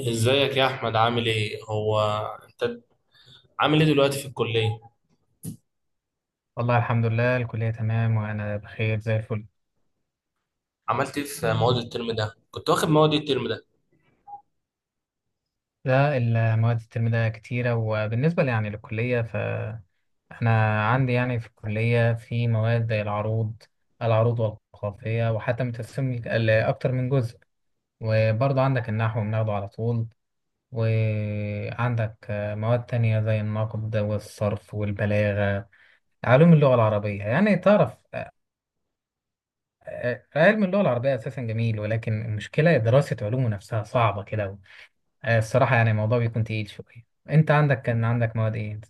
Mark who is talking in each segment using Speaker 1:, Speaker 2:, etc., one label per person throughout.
Speaker 1: ازيك يا احمد، عامل ايه؟ انت عامل ايه دلوقتي في الكليه؟
Speaker 2: والله الحمد لله، الكلية تمام وأنا بخير زي الفل.
Speaker 1: عملت ايه في مواد الترم ده؟ كنت واخد مواد إيه الترم ده؟
Speaker 2: لا، المواد الترم ده كتيرة، وبالنسبة لي يعني للكلية، فأنا عندي يعني في الكلية في مواد زي العروض والجغرافية، وحتى متقسم لأكتر من جزء. وبرضه عندك النحو بناخده على طول. وعندك مواد تانية زي النقد والصرف والبلاغة. علوم اللغة العربية، يعني تعرف، علم اللغة العربية أساسا جميل، ولكن المشكلة دراسة علومه نفسها صعبة كده. الصراحة يعني الموضوع بيكون تقيل شوية. انت عندك كان عندك مواد ايه انت؟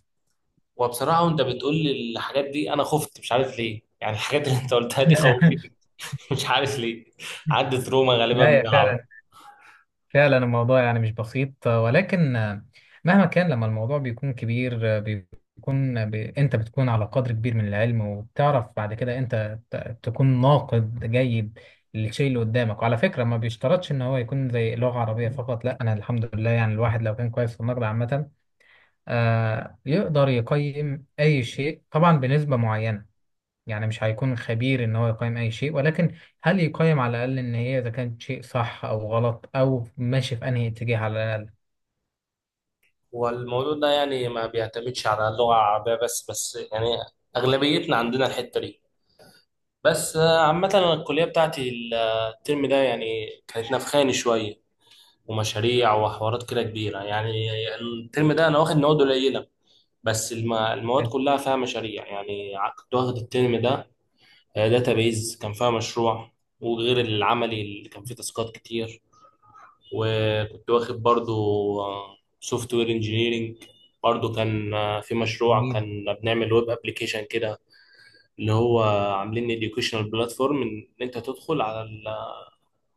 Speaker 1: وبصراحه وانت بتقول لي الحاجات دي انا خفت، مش عارف ليه، يعني الحاجات اللي انت قلتها دي خوفتني. مش عارف ليه. عدت روما غالبا
Speaker 2: لا
Speaker 1: من
Speaker 2: يا
Speaker 1: العرب.
Speaker 2: فعلا، فعلا الموضوع يعني مش بسيط، ولكن مهما كان لما الموضوع بيكون كبير، انت بتكون على قدر كبير من العلم، وبتعرف بعد كده انت تكون ناقد جيد للشيء اللي قدامك. وعلى فكرة ما بيشترطش ان هو يكون زي لغة عربية فقط، لا، انا الحمد لله يعني الواحد لو كان كويس في النقد عامة، يقدر يقيم اي شيء طبعا بنسبة معينة. يعني مش هيكون خبير ان هو يقيم اي شيء، ولكن هل يقيم على الاقل ان هي اذا كانت شيء صح او غلط، او ماشي في انهي اتجاه على الاقل.
Speaker 1: والموضوع ده يعني ما بيعتمدش على اللغه العربيه بس يعني اغلبيتنا عندنا الحته دي. بس عامه أنا الكليه بتاعتي الترم ده يعني كانت نفخاني شويه، ومشاريع وحوارات كده كبيرة يعني. الترم ده أنا واخد مواد قليلة، بس المواد
Speaker 2: حلو.
Speaker 1: كلها فيها مشاريع يعني. كنت واخد الترم ده داتابيز، كان فيها مشروع، وغير العملي اللي كان فيه تاسكات كتير. وكنت واخد برضو سوفت وير انجينيرنج، برضو كان في مشروع،
Speaker 2: جميل
Speaker 1: كان بنعمل ويب ابلكيشن كده، اللي هو عاملين educational بلاتفورم ان انت تدخل على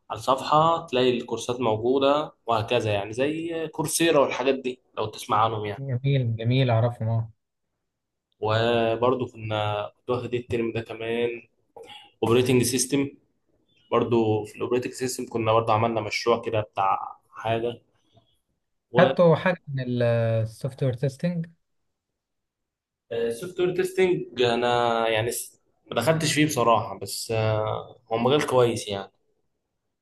Speaker 1: الصفحة تلاقي الكورسات موجودة وهكذا، يعني زي كورسيرا والحاجات دي لو تسمع عنهم يعني.
Speaker 2: جميل جميل، اعرفهم، اه.
Speaker 1: وبرضو كنت واخد الترم ده كمان اوبريتنج سيستم، برضو في الاوبريتنج سيستم كنا برضو عملنا مشروع كده بتاع حاجة.
Speaker 2: خدتوا حاجه من السوفت وير تيستنج؟
Speaker 1: وسوفت وير تيستنج انا يعني ما دخلتش فيه بصراحة، بس هو مجال كويس يعني،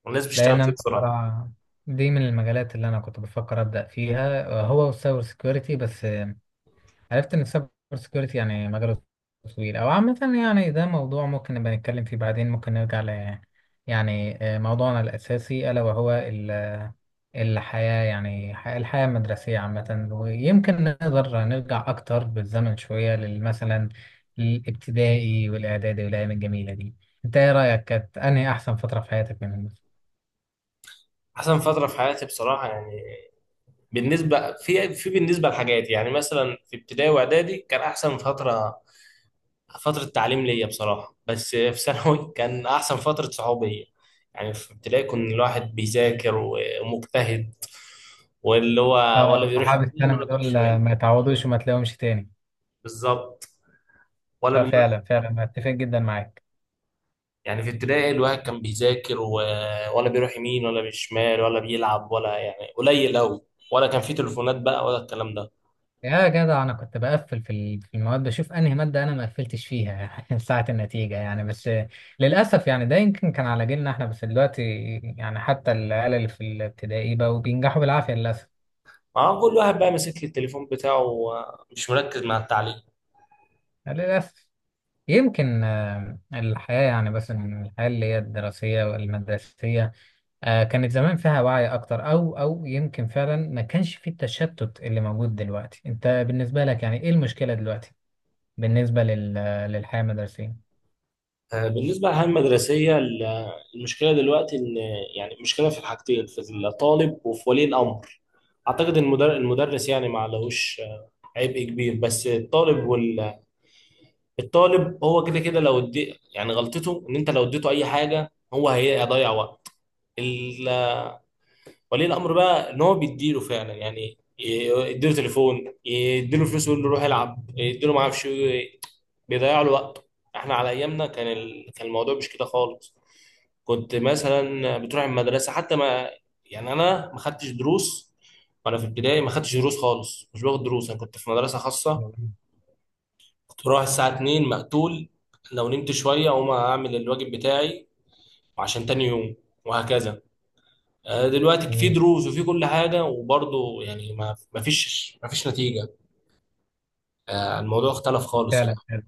Speaker 1: والناس
Speaker 2: لان
Speaker 1: بتشتغل فيه
Speaker 2: انا
Speaker 1: بصراحة.
Speaker 2: بصراحه دي من المجالات اللي انا كنت بفكر ابدا فيها، هو السايبر سكيورتي، بس عرفت ان السايبر سكيورتي يعني مجاله طويل، او عامه يعني ده موضوع ممكن نبقى نتكلم فيه بعدين. ممكن نرجع ل يعني، موضوعنا الاساسي الا وهو الحياة، يعني الحياة المدرسية عامة. ويمكن نقدر نرجع أكتر بالزمن شوية مثلا الابتدائي والإعدادي والأيام الجميلة دي. أنت إيه رأيك، كانت أنهي أحسن فترة في حياتك منهم؟
Speaker 1: أحسن فترة في حياتي بصراحة يعني، بالنسبة في في بالنسبة لحاجات، يعني مثلا في ابتدائي وإعدادي كان أحسن فترة، فترة تعليم ليا بصراحة، بس في ثانوي كان أحسن فترة صحوبية. يعني في ابتدائي كان الواحد بيذاكر ومجتهد، واللي هو ولا
Speaker 2: آه
Speaker 1: بيروح
Speaker 2: صحاب
Speaker 1: يمين ولا
Speaker 2: الثانوي
Speaker 1: بيروح
Speaker 2: دول
Speaker 1: شمال.
Speaker 2: ما يتعوضوش وما تلاقيهمش تاني.
Speaker 1: بالظبط. ولا بنروح.
Speaker 2: ففعلا فعلا بتفق جدا معاك.
Speaker 1: يعني في ابتدائي الواحد كان بيذاكر ولا بيروح يمين ولا بيشمال ولا بيلعب، ولا يعني قليل أوي. ولا كان في تليفونات بقى ولا الكلام ده.
Speaker 2: يا جدع انا كنت بقفل في في المواد، بشوف انهي ماده انا ما قفلتش فيها ساعه النتيجه يعني. بس للاسف يعني ده يمكن كان على جيلنا احنا، بس دلوقتي يعني حتى العيال اللي في الابتدائي بقوا بينجحوا بالعافيه للاسف.
Speaker 1: ما هو كل واحد بقى ماسك التليفون بتاعه ومش مركز مع التعليم.
Speaker 2: للاسف. يمكن الحياه يعني، بس إن الحياه اللي هي الدراسيه والمدرسيه، كانت زمان فيها وعي اكتر، او يمكن فعلا ما كانش في التشتت اللي موجود دلوقتي. انت بالنسبه لك يعني ايه المشكله دلوقتي بالنسبه للحياه المدرسيه؟
Speaker 1: بالنسبة للحياة المدرسية، المشكلة دلوقتي إن، يعني مشكلة في الحاجتين، في الطالب وفي ولي الأمر. أعتقد إن المدرس يعني ما عليهوش عبء كبير، بس الطالب الطالب هو كده كده لو ادي، يعني غلطته إن أنت لو اديته أي حاجة هو هيضيع وقت. ال... ولي الأمر بقى إن هو بيديله فعلا، يعني يديله تليفون، يديله فلوس ويقول له روح العب، يديله ما أعرفش إيه، بيضيع له وقته. إحنا على أيامنا كان كان الموضوع مش كده خالص. كنت مثلا بتروح المدرسه حتى ما، يعني انا ما خدتش دروس، وانا في ابتدائي ما خدتش دروس خالص، مش باخد دروس. انا كنت في مدرسه خاصه، كنت بروح الساعه 2 مقتول، لو نمت شويه اقوم اعمل الواجب بتاعي وعشان تاني يوم، وهكذا. دلوقتي في
Speaker 2: جميل.
Speaker 1: دروس وفي كل حاجه، وبرضه يعني ما فيش نتيجه. الموضوع اختلف خالص يعني.
Speaker 2: فعلا فعلا،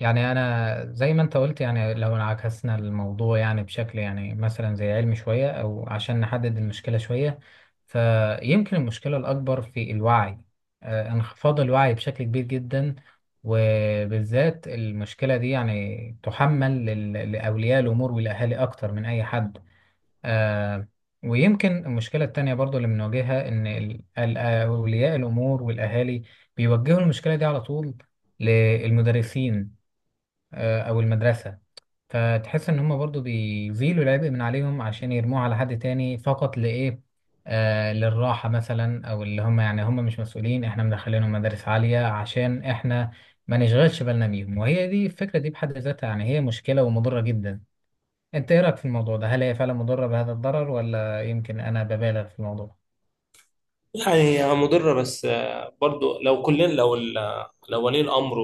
Speaker 2: يعني انا زي ما انت قلت، يعني لو عكسنا الموضوع يعني بشكل يعني مثلا زي علمي شويه، او عشان نحدد المشكله شويه، فيمكن المشكله الاكبر في الوعي، انخفاض الوعي بشكل كبير جدا. وبالذات المشكله دي يعني تحمل لاولياء الامور والاهالي اكتر من اي حد. آه. ويمكن المشكلة التانية برضو اللي بنواجهها إن أولياء الأمور والأهالي بيوجهوا المشكلة دي على طول للمدرسين، آه، أو المدرسة. فتحس إن هما برضو بيزيلوا العبء من عليهم عشان يرموه على حد تاني، فقط لإيه؟ آه، للراحة مثلا، أو اللي هما يعني هما مش مسؤولين، إحنا مدخلينهم مدارس عالية عشان إحنا ما نشغلش بالنا بيهم. وهي دي الفكرة دي بحد ذاتها، يعني هي مشكلة ومضرة جدا. انت ايه رايك في الموضوع ده؟ هل هي فعلا مضره بهذا الضرر، ولا يمكن انا ببالغ في الموضوع؟
Speaker 1: يعني هي مضره، بس برضه لو كلنا، لو لو ولي الامر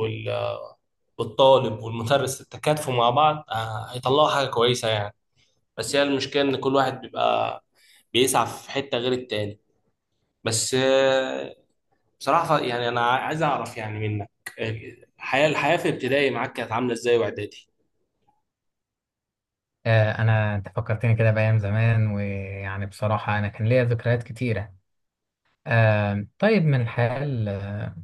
Speaker 1: والطالب والمدرس تكاتفوا مع بعض، هيطلعوا حاجة كويسة يعني. بس هي المشكلة إن كل واحد بيبقى بيسعى في حتة غير التاني. بس بصراحة يعني أنا عايز أعرف يعني منك، آه، الحياة في ابتدائي معاك كانت عاملة إزاي وإعدادي؟
Speaker 2: انا انت فكرتني كده بايام زمان، ويعني بصراحه انا كان ليا ذكريات كتيره. طيب من الحال،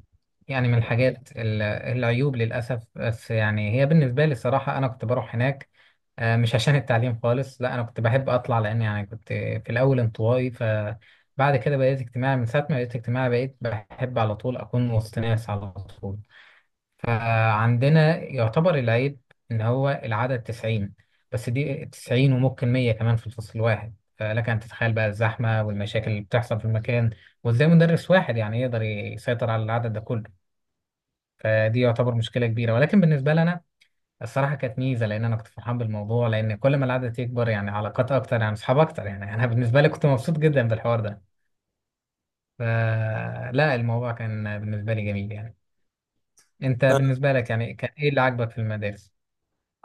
Speaker 2: يعني من الحاجات العيوب للاسف، بس يعني هي بالنسبه لي الصراحه انا كنت بروح هناك مش عشان التعليم خالص، لا، انا كنت بحب اطلع، لان يعني كنت في الاول انطوائي. فبعد كده بقيت اجتماعي، من ساعه ما بقيت اجتماعي بقيت بحب على طول اكون وسط ناس على طول. فعندنا يعتبر العيب إن هو العدد 90، بس دي 90 وممكن 100 كمان في الفصل الواحد. فلك أن تتخيل بقى الزحمة والمشاكل اللي بتحصل في المكان، وإزاي مدرس واحد يعني يقدر يسيطر على العدد ده كله. فدي يعتبر مشكلة كبيرة، ولكن بالنسبة لنا الصراحة كانت ميزة، لأن أنا كنت فرحان بالموضوع، لأن كل ما العدد يكبر يعني علاقات أكتر، يعني أصحاب أكتر، يعني أنا بالنسبة لي كنت مبسوط جدا بالحوار ده. فلا الموضوع كان بالنسبة لي جميل يعني. أنت بالنسبة لك يعني كان إيه اللي عاجبك في المدارس؟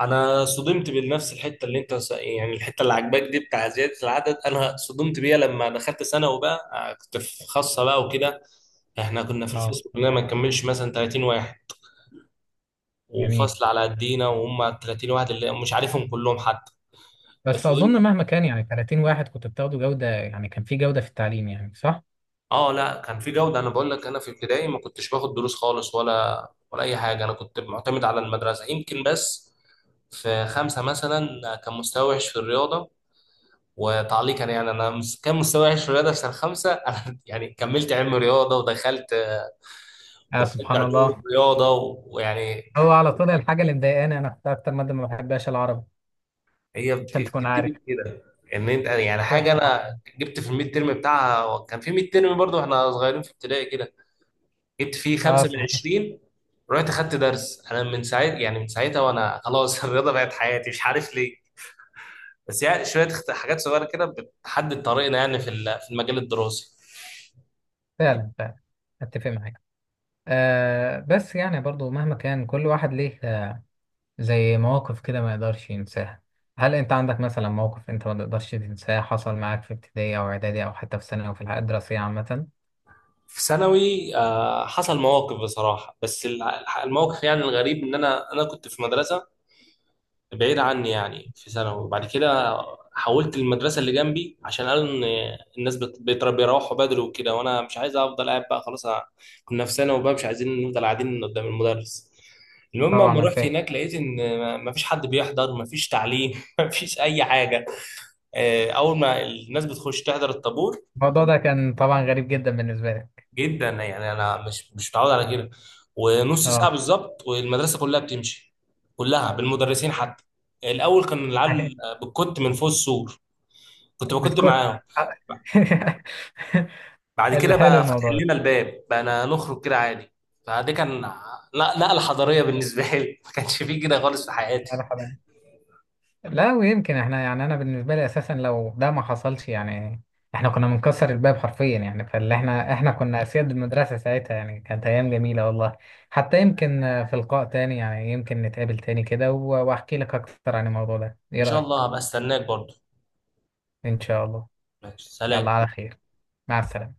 Speaker 1: أنا صدمت بنفس الحتة اللي أنت يعني الحتة اللي عجباك دي بتاع زيادة العدد، أنا صدمت بيها لما دخلت ثانوي بقى. كنت في خاصة بقى وكده، إحنا كنا في الفصل كلنا ما نكملش مثلا 30 واحد،
Speaker 2: جميل.
Speaker 1: وفصل على قدينا وهم 30 واحد اللي مش عارفهم كلهم حتى.
Speaker 2: بس
Speaker 1: صدم.
Speaker 2: اظن مهما كان يعني 30 واحد كنت بتاخدوا جوده، يعني كان في جوده في التعليم يعني، صح؟
Speaker 1: اه لا كان في جوده، انا بقول لك انا في ابتدائي ما كنتش باخد دروس خالص ولا اي حاجه، انا كنت معتمد على المدرسه يمكن. بس في خمسه مثلا كان مستوى وحش في الرياضه، وتعليقا يعني انا كان مستوى وحش في الرياضه في سنه خمسه. انا يعني كملت علم رياضه، ودخلت
Speaker 2: اه سبحان
Speaker 1: علوم
Speaker 2: الله.
Speaker 1: رياضه. ويعني
Speaker 2: هو على طول الحاجه اللي مضايقاني انا كنت اكتر ماده ما بحبهاش العربي،
Speaker 1: هي
Speaker 2: عشان تكون عارف.
Speaker 1: بتبتدي كده ان انت، يعني
Speaker 2: يا
Speaker 1: حاجه
Speaker 2: سبحان
Speaker 1: انا
Speaker 2: الله.
Speaker 1: جبت في الميد ترم بتاعها، كان في ميد ترم برضه، احنا صغيرين في ابتدائي كده، جبت فيه
Speaker 2: اه
Speaker 1: خمسة من
Speaker 2: صحيح.
Speaker 1: عشرين. رحت خدت درس انا من ساعتها، يعني من ساعتها وانا خلاص الرياضه بقت حياتي، مش عارف ليه. بس يعني شويه حاجات صغيره كده بتحدد طريقنا يعني في في المجال الدراسي.
Speaker 2: فعلا فعلا اتفق معاك. آه، بس يعني برضو مهما كان كل واحد ليه آه زي مواقف كده ما يقدرش ينساها. هل انت عندك مثلا موقف انت ما تقدرش تنساه حصل معاك في ابتدائي او اعدادي او حتى في ثانوي، او في الحياه الدراسيه عامه؟
Speaker 1: في ثانوي حصل مواقف بصراحه، بس الموقف يعني الغريب ان انا كنت في مدرسه بعيد عني يعني في ثانوي، وبعد كده حولت المدرسة اللي جنبي عشان قالوا ان الناس بيروحوا بدري وكده، وانا مش عايز افضل قاعد بقى خلاص. كنا في ثانوي وبقى مش عايزين نفضل قاعدين قدام المدرس. المهم
Speaker 2: طبعا
Speaker 1: لما
Speaker 2: انا
Speaker 1: رحت
Speaker 2: فاهم.
Speaker 1: هناك لقيت ان ما فيش حد بيحضر، ما فيش تعليم، ما فيش اي حاجة. اول ما الناس بتخش تحضر الطابور،
Speaker 2: الموضوع ده كان طبعا غريب جدا بالنسبه لي.
Speaker 1: جدا يعني انا مش متعود على كده. ونص ساعه
Speaker 2: اه.
Speaker 1: بالظبط والمدرسه كلها بتمشي، كلها بالمدرسين حتى. الاول كان العيال بتكت من فوق السور، كنت بكت
Speaker 2: بتكون.
Speaker 1: معاهم. بعد كده
Speaker 2: الحلو
Speaker 1: بقى فتح
Speaker 2: الموضوع ده.
Speaker 1: لنا الباب بقى نخرج كده عادي. فدي كان، لا نقله حضاريه بالنسبه لي، ما كانش فيه كده خالص في حياتي.
Speaker 2: مرحبا. لا، ويمكن احنا يعني انا بالنسبه لي اساسا لو ده ما حصلش يعني احنا كنا بنكسر الباب حرفيا يعني، فاللي احنا كنا اسياد المدرسه ساعتها يعني. كانت ايام جميله والله. حتى يمكن في لقاء تاني، يعني يمكن نتقابل تاني كده واحكي لك اكتر عن الموضوع ده،
Speaker 1: ان
Speaker 2: ايه
Speaker 1: شاء
Speaker 2: رايك؟
Speaker 1: الله هبقى استناك برضه.
Speaker 2: ان شاء الله.
Speaker 1: ماشي سلام.
Speaker 2: يلا على خير. مع السلامه.